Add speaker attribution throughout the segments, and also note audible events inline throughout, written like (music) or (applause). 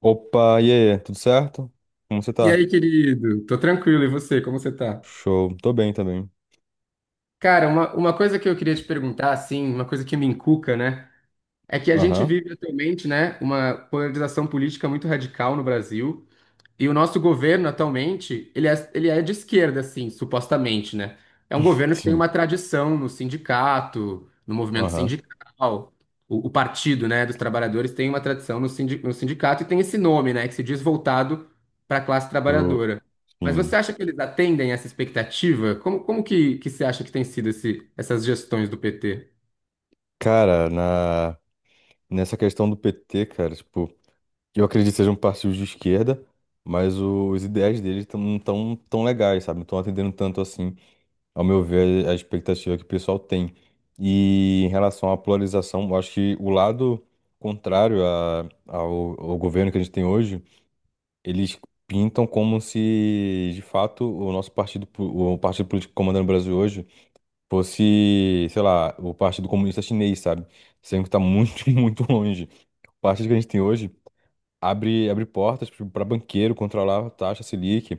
Speaker 1: Opa, e aí, tudo certo? Como você
Speaker 2: E
Speaker 1: tá?
Speaker 2: aí, querido? Tô tranquilo, e você? Como você tá?
Speaker 1: Show, tô bem também.
Speaker 2: Cara, uma coisa que eu queria te perguntar, assim, uma coisa que me encuca, né? É que a gente
Speaker 1: Aham,
Speaker 2: vive atualmente, né, uma polarização política muito radical no Brasil. E o nosso governo atualmente, ele é de esquerda, assim, supostamente, né? É um
Speaker 1: (laughs)
Speaker 2: governo que tem
Speaker 1: sim,
Speaker 2: uma tradição no sindicato, no movimento
Speaker 1: aham,
Speaker 2: sindical. O Partido, né, dos Trabalhadores tem uma tradição no, no sindicato e tem esse nome, né, que se diz voltado para a classe
Speaker 1: pro,
Speaker 2: trabalhadora. Mas você
Speaker 1: sim.
Speaker 2: acha que eles atendem essa expectativa? Como, como que você acha que tem sido esse, essas gestões do PT?
Speaker 1: Cara, nessa questão do PT, cara, tipo, eu acredito que sejam partidos de esquerda, mas os ideais deles não tão tão legais, sabe? Não estão atendendo tanto assim, ao meu ver, a expectativa que o pessoal tem. E em relação à polarização, eu acho que o lado contrário ao governo que a gente tem hoje. Eles pintam como se, de fato, o nosso partido, o partido político comandando o Brasil hoje fosse, sei lá, o Partido Comunista Chinês, sabe? Sendo que tá muito, (laughs) muito longe. O partido que a gente tem hoje abre portas para banqueiro controlar a taxa Selic,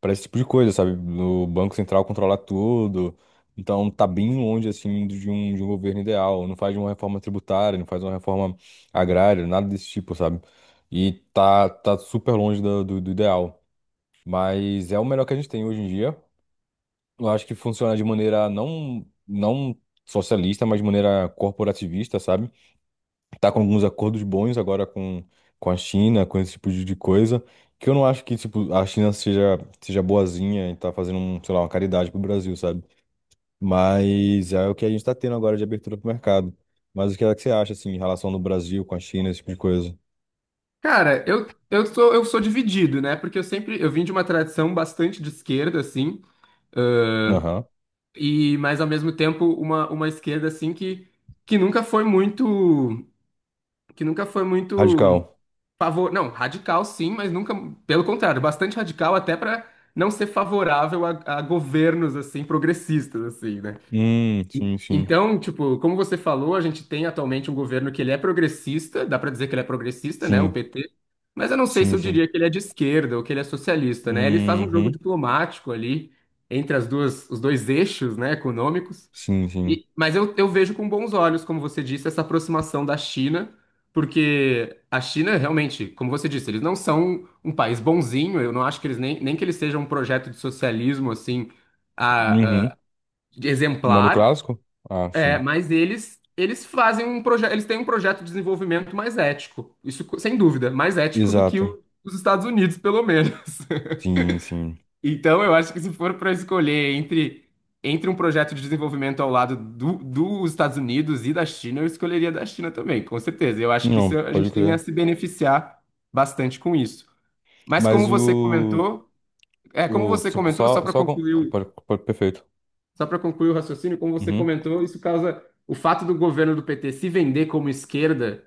Speaker 1: para esse tipo de coisa, sabe? O Banco Central controlar tudo. Então tá bem longe, assim, de um governo ideal. Não faz uma reforma tributária, não faz uma reforma agrária, nada desse tipo, sabe? E tá super longe do ideal. Mas é o melhor que a gente tem hoje em dia. Eu acho que funciona de maneira não socialista, mas de maneira corporativista, sabe? Tá com alguns acordos bons agora com a China, com esse tipo de coisa. Que eu não acho que, tipo, a China seja boazinha e tá fazendo, sei lá, uma caridade pro Brasil, sabe? Mas é o que a gente tá tendo agora de abertura pro mercado. Mas o que é que você acha, assim, em relação do Brasil com a China, esse tipo de coisa?
Speaker 2: Cara, eu sou dividido, né? Porque eu sempre eu vim de uma tradição bastante de esquerda, assim.
Speaker 1: Aham.
Speaker 2: Mas ao mesmo tempo uma esquerda assim que, que nunca foi muito nunca foi muito
Speaker 1: Radical.
Speaker 2: favor, não, radical sim, mas nunca, pelo contrário, bastante radical até para não ser favorável a governos assim progressistas assim, né?
Speaker 1: Sim, sim.
Speaker 2: Então, tipo, como você falou, a gente tem atualmente um governo que ele é progressista, dá para dizer que ele é progressista, né, o
Speaker 1: Sim,
Speaker 2: PT. Mas eu não sei se
Speaker 1: sim,
Speaker 2: eu
Speaker 1: sim.
Speaker 2: diria que ele é de esquerda ou que ele é socialista, né? Ele faz um jogo
Speaker 1: Uhum.
Speaker 2: diplomático ali entre as duas, os dois eixos, né, econômicos.
Speaker 1: Sim, sim.
Speaker 2: Mas eu vejo com bons olhos, como você disse, essa aproximação da China, porque a China realmente, como você disse, eles não são um país bonzinho, eu não acho que eles nem, nem que eles sejam um projeto de socialismo assim a-
Speaker 1: Uhum.
Speaker 2: a-
Speaker 1: Um modo
Speaker 2: exemplar,
Speaker 1: clássico? Ah,
Speaker 2: é,
Speaker 1: sim.
Speaker 2: mas eles fazem um projeto, eles têm um projeto de desenvolvimento mais ético, sem dúvida, mais ético do que
Speaker 1: Exato.
Speaker 2: o, os Estados Unidos, pelo menos.
Speaker 1: Sim, sim.
Speaker 2: Então, eu acho que se for para escolher entre, entre um projeto de desenvolvimento ao lado do, dos Estados Unidos e da China, eu escolheria da China também, com certeza. Eu acho que
Speaker 1: Não,
Speaker 2: isso, a
Speaker 1: pode
Speaker 2: gente tem a
Speaker 1: crer.
Speaker 2: se beneficiar bastante com isso. Mas
Speaker 1: Mas
Speaker 2: como você
Speaker 1: o.
Speaker 2: comentou, Como
Speaker 1: O.
Speaker 2: você
Speaker 1: Tipo,
Speaker 2: comentou,
Speaker 1: só. Só com... perfeito.
Speaker 2: só para concluir o raciocínio, como você
Speaker 1: Uhum.
Speaker 2: comentou, isso causa o fato do governo do PT se vender como esquerda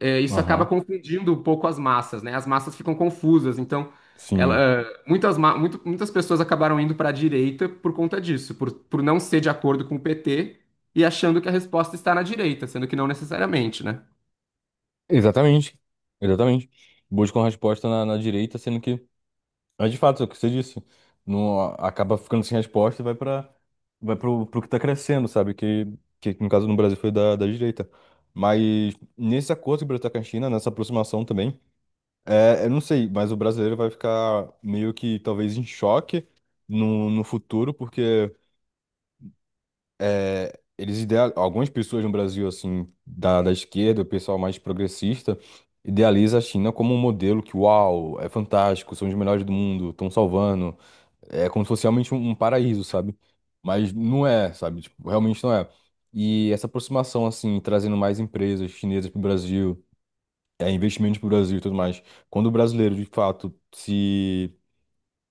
Speaker 2: é, isso acaba
Speaker 1: Aham.
Speaker 2: confundindo um pouco as massas, né? As massas ficam confusas, então ela,
Speaker 1: Sim.
Speaker 2: eh, muitas, ma- muito- muitas pessoas acabaram indo para a direita por conta disso, por não ser de acordo com o PT e achando que a resposta está na direita, sendo que não necessariamente, né?
Speaker 1: Exatamente. Exatamente. Buscam resposta na direita, sendo que. Mas de fato, é o que você disse. Não, acaba ficando sem resposta e vai pra. Vai pro que tá crescendo, sabe? Que no caso no Brasil foi da direita. Mas nesse acordo que o Brasil tá com a China, nessa aproximação também. É, eu não sei, mas o brasileiro vai ficar meio que talvez em choque no futuro, porque eles ideal, algumas pessoas no Brasil, assim, da esquerda, o pessoal mais progressista, idealiza a China como um modelo que, uau, é fantástico, são os melhores do mundo, estão salvando, é como se fosse realmente um paraíso, sabe? Mas não é, sabe? Tipo, realmente não é. E essa aproximação, assim, trazendo mais empresas chinesas para o Brasil investimentos para o Brasil e tudo mais. Quando o brasileiro, de fato, se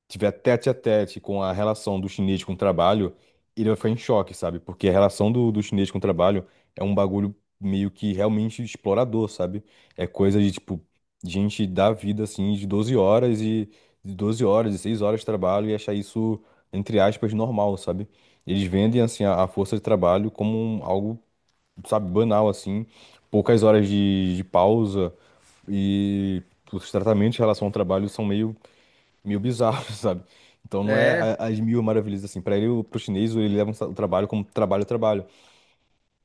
Speaker 1: tiver tete a tete com a relação do chinês com o trabalho, ele vai ficar em choque, sabe? Porque a relação do chinês com o trabalho é um bagulho meio que realmente explorador, sabe? É coisa de, tipo, gente dar vida, assim, de 12 horas e de 12 horas, de 6 horas de trabalho e achar isso, entre aspas, normal, sabe? Eles vendem, assim, a força de trabalho como algo, sabe, banal, assim, poucas horas de pausa e os tratamentos em relação ao trabalho são meio bizarros, (laughs) sabe? Então não é as mil maravilhas assim. Para ele, pro chinês, ele leva o trabalho como trabalho, trabalho.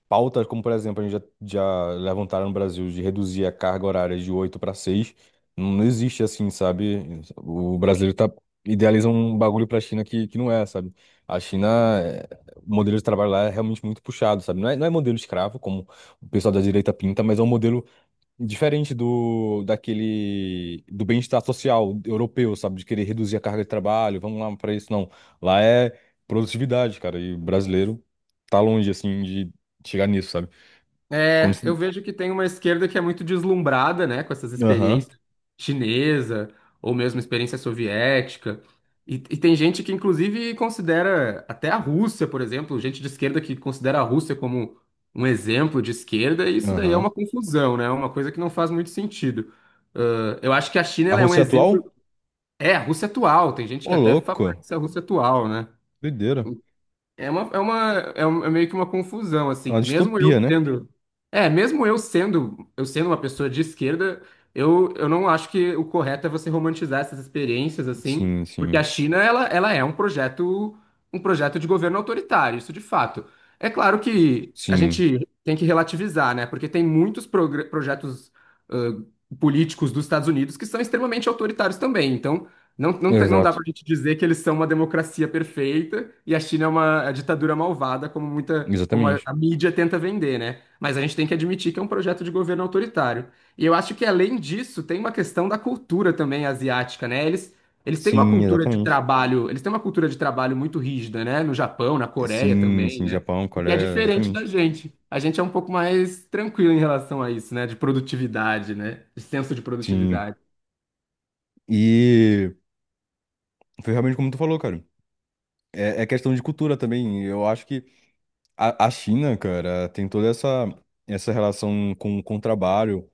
Speaker 1: Pautas como, por exemplo, a gente já levantaram no Brasil de reduzir a carga horária de 8 para 6. Não, não existe assim, sabe? O brasileiro idealiza um bagulho para a China que não é, sabe? A China, é- o modelo de trabalho lá é realmente muito puxado, sabe? Não é, não é modelo escravo, como o pessoal da direita pinta, mas é um modelo diferente do daquele do bem-estar social europeu, sabe? De querer reduzir a carga de trabalho, vamos lá para isso, não. Lá é produtividade, cara, e o brasileiro tá longe assim de chegar nisso, sabe? Quando...
Speaker 2: É, eu vejo que tem uma esquerda que é muito deslumbrada, né, com essas
Speaker 1: Aham,
Speaker 2: experiências chinesa ou mesmo experiência soviética. E tem gente que, inclusive, considera até a Rússia, por exemplo, gente de esquerda que considera a Rússia como um exemplo de esquerda, e isso daí é
Speaker 1: aham.
Speaker 2: uma confusão, né? É uma coisa que não faz muito sentido. Ah, eu acho que a China
Speaker 1: A
Speaker 2: ela é um
Speaker 1: Rússia
Speaker 2: exemplo.
Speaker 1: atual?
Speaker 2: É, a Rússia atual, tem gente
Speaker 1: Ô,
Speaker 2: que até
Speaker 1: louco,
Speaker 2: favorece a Rússia atual, né?
Speaker 1: doideira.
Speaker 2: É meio que uma confusão,
Speaker 1: É
Speaker 2: assim.
Speaker 1: uma
Speaker 2: Mesmo eu
Speaker 1: distopia, né?
Speaker 2: sendo. É, eu sendo uma pessoa de esquerda, eu não acho que o correto é você romantizar essas experiências, assim,
Speaker 1: Sim,
Speaker 2: porque
Speaker 1: sim,
Speaker 2: a China, ela é um projeto de governo autoritário, isso de fato. É claro que a
Speaker 1: sim.
Speaker 2: gente tem que relativizar, né? Porque tem muitos projetos, ãh, políticos dos Estados Unidos que são extremamente autoritários também. Então, não dá
Speaker 1: Exato,
Speaker 2: pra gente dizer que eles são uma democracia perfeita e a China é uma ditadura malvada, como muita, como
Speaker 1: exatamente.
Speaker 2: a mídia tenta vender, né? Mas a gente tem que admitir que é um projeto de governo autoritário. E eu acho que, além disso, tem uma questão da cultura também asiática, né? Eles têm uma
Speaker 1: Sim,
Speaker 2: cultura de
Speaker 1: exatamente.
Speaker 2: trabalho, eles têm uma cultura de trabalho muito rígida, né? No Japão, na Coreia
Speaker 1: Sim,
Speaker 2: também,
Speaker 1: sim,
Speaker 2: né?
Speaker 1: Japão,
Speaker 2: E que é
Speaker 1: Coreia,
Speaker 2: diferente da
Speaker 1: exatamente.
Speaker 2: gente. A gente é um pouco mais tranquilo em relação a isso, né? De produtividade, né? De senso de
Speaker 1: Sim.
Speaker 2: produtividade.
Speaker 1: E foi realmente como tu falou, cara. É questão de cultura também. Eu acho que a China, cara, tem toda essa relação com trabalho,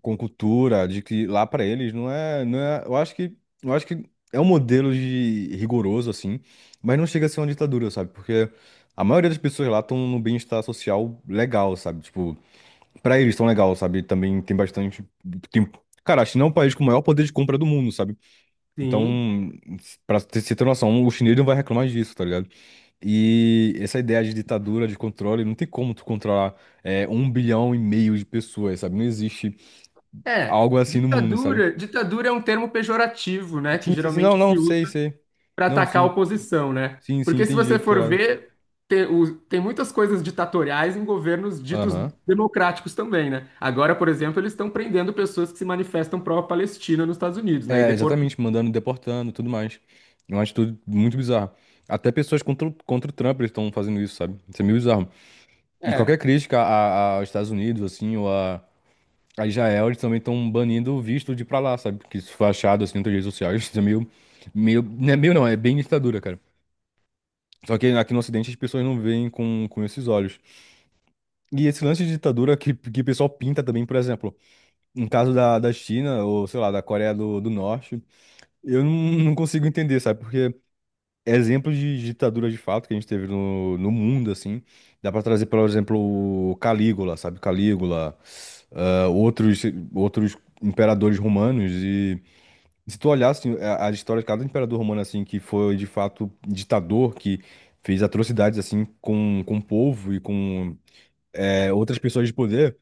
Speaker 1: com cultura, de que lá para eles não é, não é. Eu acho que é um modelo de rigoroso assim, mas não chega a ser uma ditadura, sabe? Porque a maioria das pessoas lá estão no bem-estar social legal, sabe? Tipo, para eles estão legal, sabe? Também tem bastante tempo. Cara, a China é um país com o maior poder de compra do mundo, sabe?
Speaker 2: Sim.
Speaker 1: Então, pra você ter noção, o chinês não vai reclamar disso, tá ligado? E essa ideia de ditadura, de controle, não tem como tu controlar 1,5 bilhão de pessoas, sabe? Não existe
Speaker 2: É,
Speaker 1: algo assim no mundo, sabe?
Speaker 2: ditadura é um termo pejorativo, né, que
Speaker 1: Sim, sim, sim, não,
Speaker 2: geralmente
Speaker 1: não,
Speaker 2: se usa
Speaker 1: sei, sei.
Speaker 2: para
Speaker 1: Não,
Speaker 2: atacar a
Speaker 1: sim,
Speaker 2: oposição, né?
Speaker 1: sim, sim,
Speaker 2: Porque se
Speaker 1: entendi,
Speaker 2: você
Speaker 1: tô
Speaker 2: for
Speaker 1: lá.
Speaker 2: ver, muitas coisas ditatoriais em governos ditos
Speaker 1: Aham.
Speaker 2: democráticos também, né? Agora, por exemplo, eles estão prendendo pessoas que se manifestam pró-Palestina nos Estados Unidos, né? E
Speaker 1: É,
Speaker 2: deportando.
Speaker 1: exatamente, mandando, deportando, tudo mais. É uma atitude muito bizarra. Até pessoas contra, contra o Trump estão fazendo isso, sabe? Isso é meio bizarro. E qualquer
Speaker 2: É.
Speaker 1: crítica aos Estados Unidos, assim, ou a Israel, eles também estão banindo o visto de ir pra lá, sabe? Porque isso foi achado assim nas redes sociais, isso é meio, não é meio não, é bem ditadura, cara. Só que aqui no Ocidente as pessoas não veem com esses olhos. E esse lance de ditadura que o pessoal pinta também, por exemplo, no caso da China, ou sei lá, da Coreia do Norte, eu não consigo entender, sabe? Porque exemplos de ditadura de fato que a gente teve no mundo, assim, dá pra trazer, por exemplo, o Calígula, sabe? Calígula, ah, outros, outros imperadores romanos. E se tu olhar assim, a história de cada imperador romano assim que foi de fato ditador, que fez atrocidades assim com o povo e com outras pessoas de poder,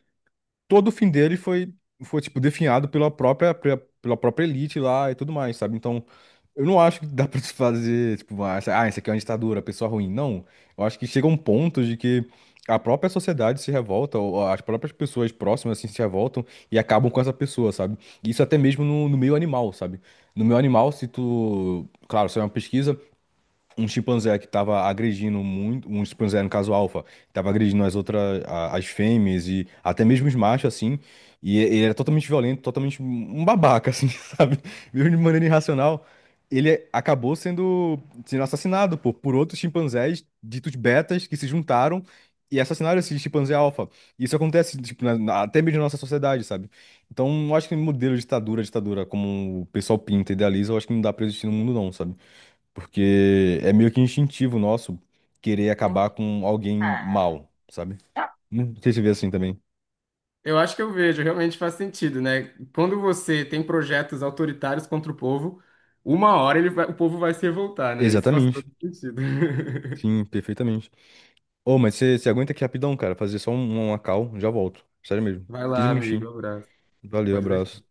Speaker 1: todo o fim dele foi tipo, definhado pela própria elite lá e tudo mais, sabe? Então, eu não acho que dá pra se fazer, tipo, ah, isso aqui é uma ditadura, pessoa ruim. Não. Eu acho que chega um ponto de que a própria sociedade se revolta, ou as próprias pessoas próximas, assim, se revoltam e acabam com essa pessoa, sabe? Isso até mesmo no meio animal, sabe? No meio animal, se tu... Claro, isso é uma pesquisa, um chimpanzé que estava agredindo muito, um chimpanzé no caso alfa, estava agredindo as outras, as fêmeas e até mesmo os machos, assim, e ele era totalmente violento, totalmente um babaca, assim, (laughs) sabe? Viu de maneira irracional. Ele acabou sendo assassinado, por outros chimpanzés ditos betas que se juntaram e assassinaram esse chimpanzé alfa. Isso acontece, tipo, até mesmo na nossa sociedade, sabe? Então, eu acho que modelo de ditadura, ditadura, como o pessoal pinta e idealiza, eu acho que não dá pra existir no mundo, não, sabe? Porque é meio que instintivo nosso querer acabar com alguém mal, sabe? Não sei se você vê assim também.
Speaker 2: Eu acho que eu vejo, realmente faz sentido, né? Quando você tem projetos autoritários contra o povo, uma hora o povo vai se revoltar, né? Isso faz
Speaker 1: Exatamente.
Speaker 2: todo sentido. (laughs)
Speaker 1: Sim, perfeitamente. Ô, mas você aguenta aqui rapidão, cara. Fazer só uma call, já volto. Sério mesmo.
Speaker 2: Vai
Speaker 1: quinze
Speaker 2: lá,
Speaker 1: minutinhos.
Speaker 2: amigo. Um abraço.
Speaker 1: Valeu,
Speaker 2: Pode deixar.
Speaker 1: abraço.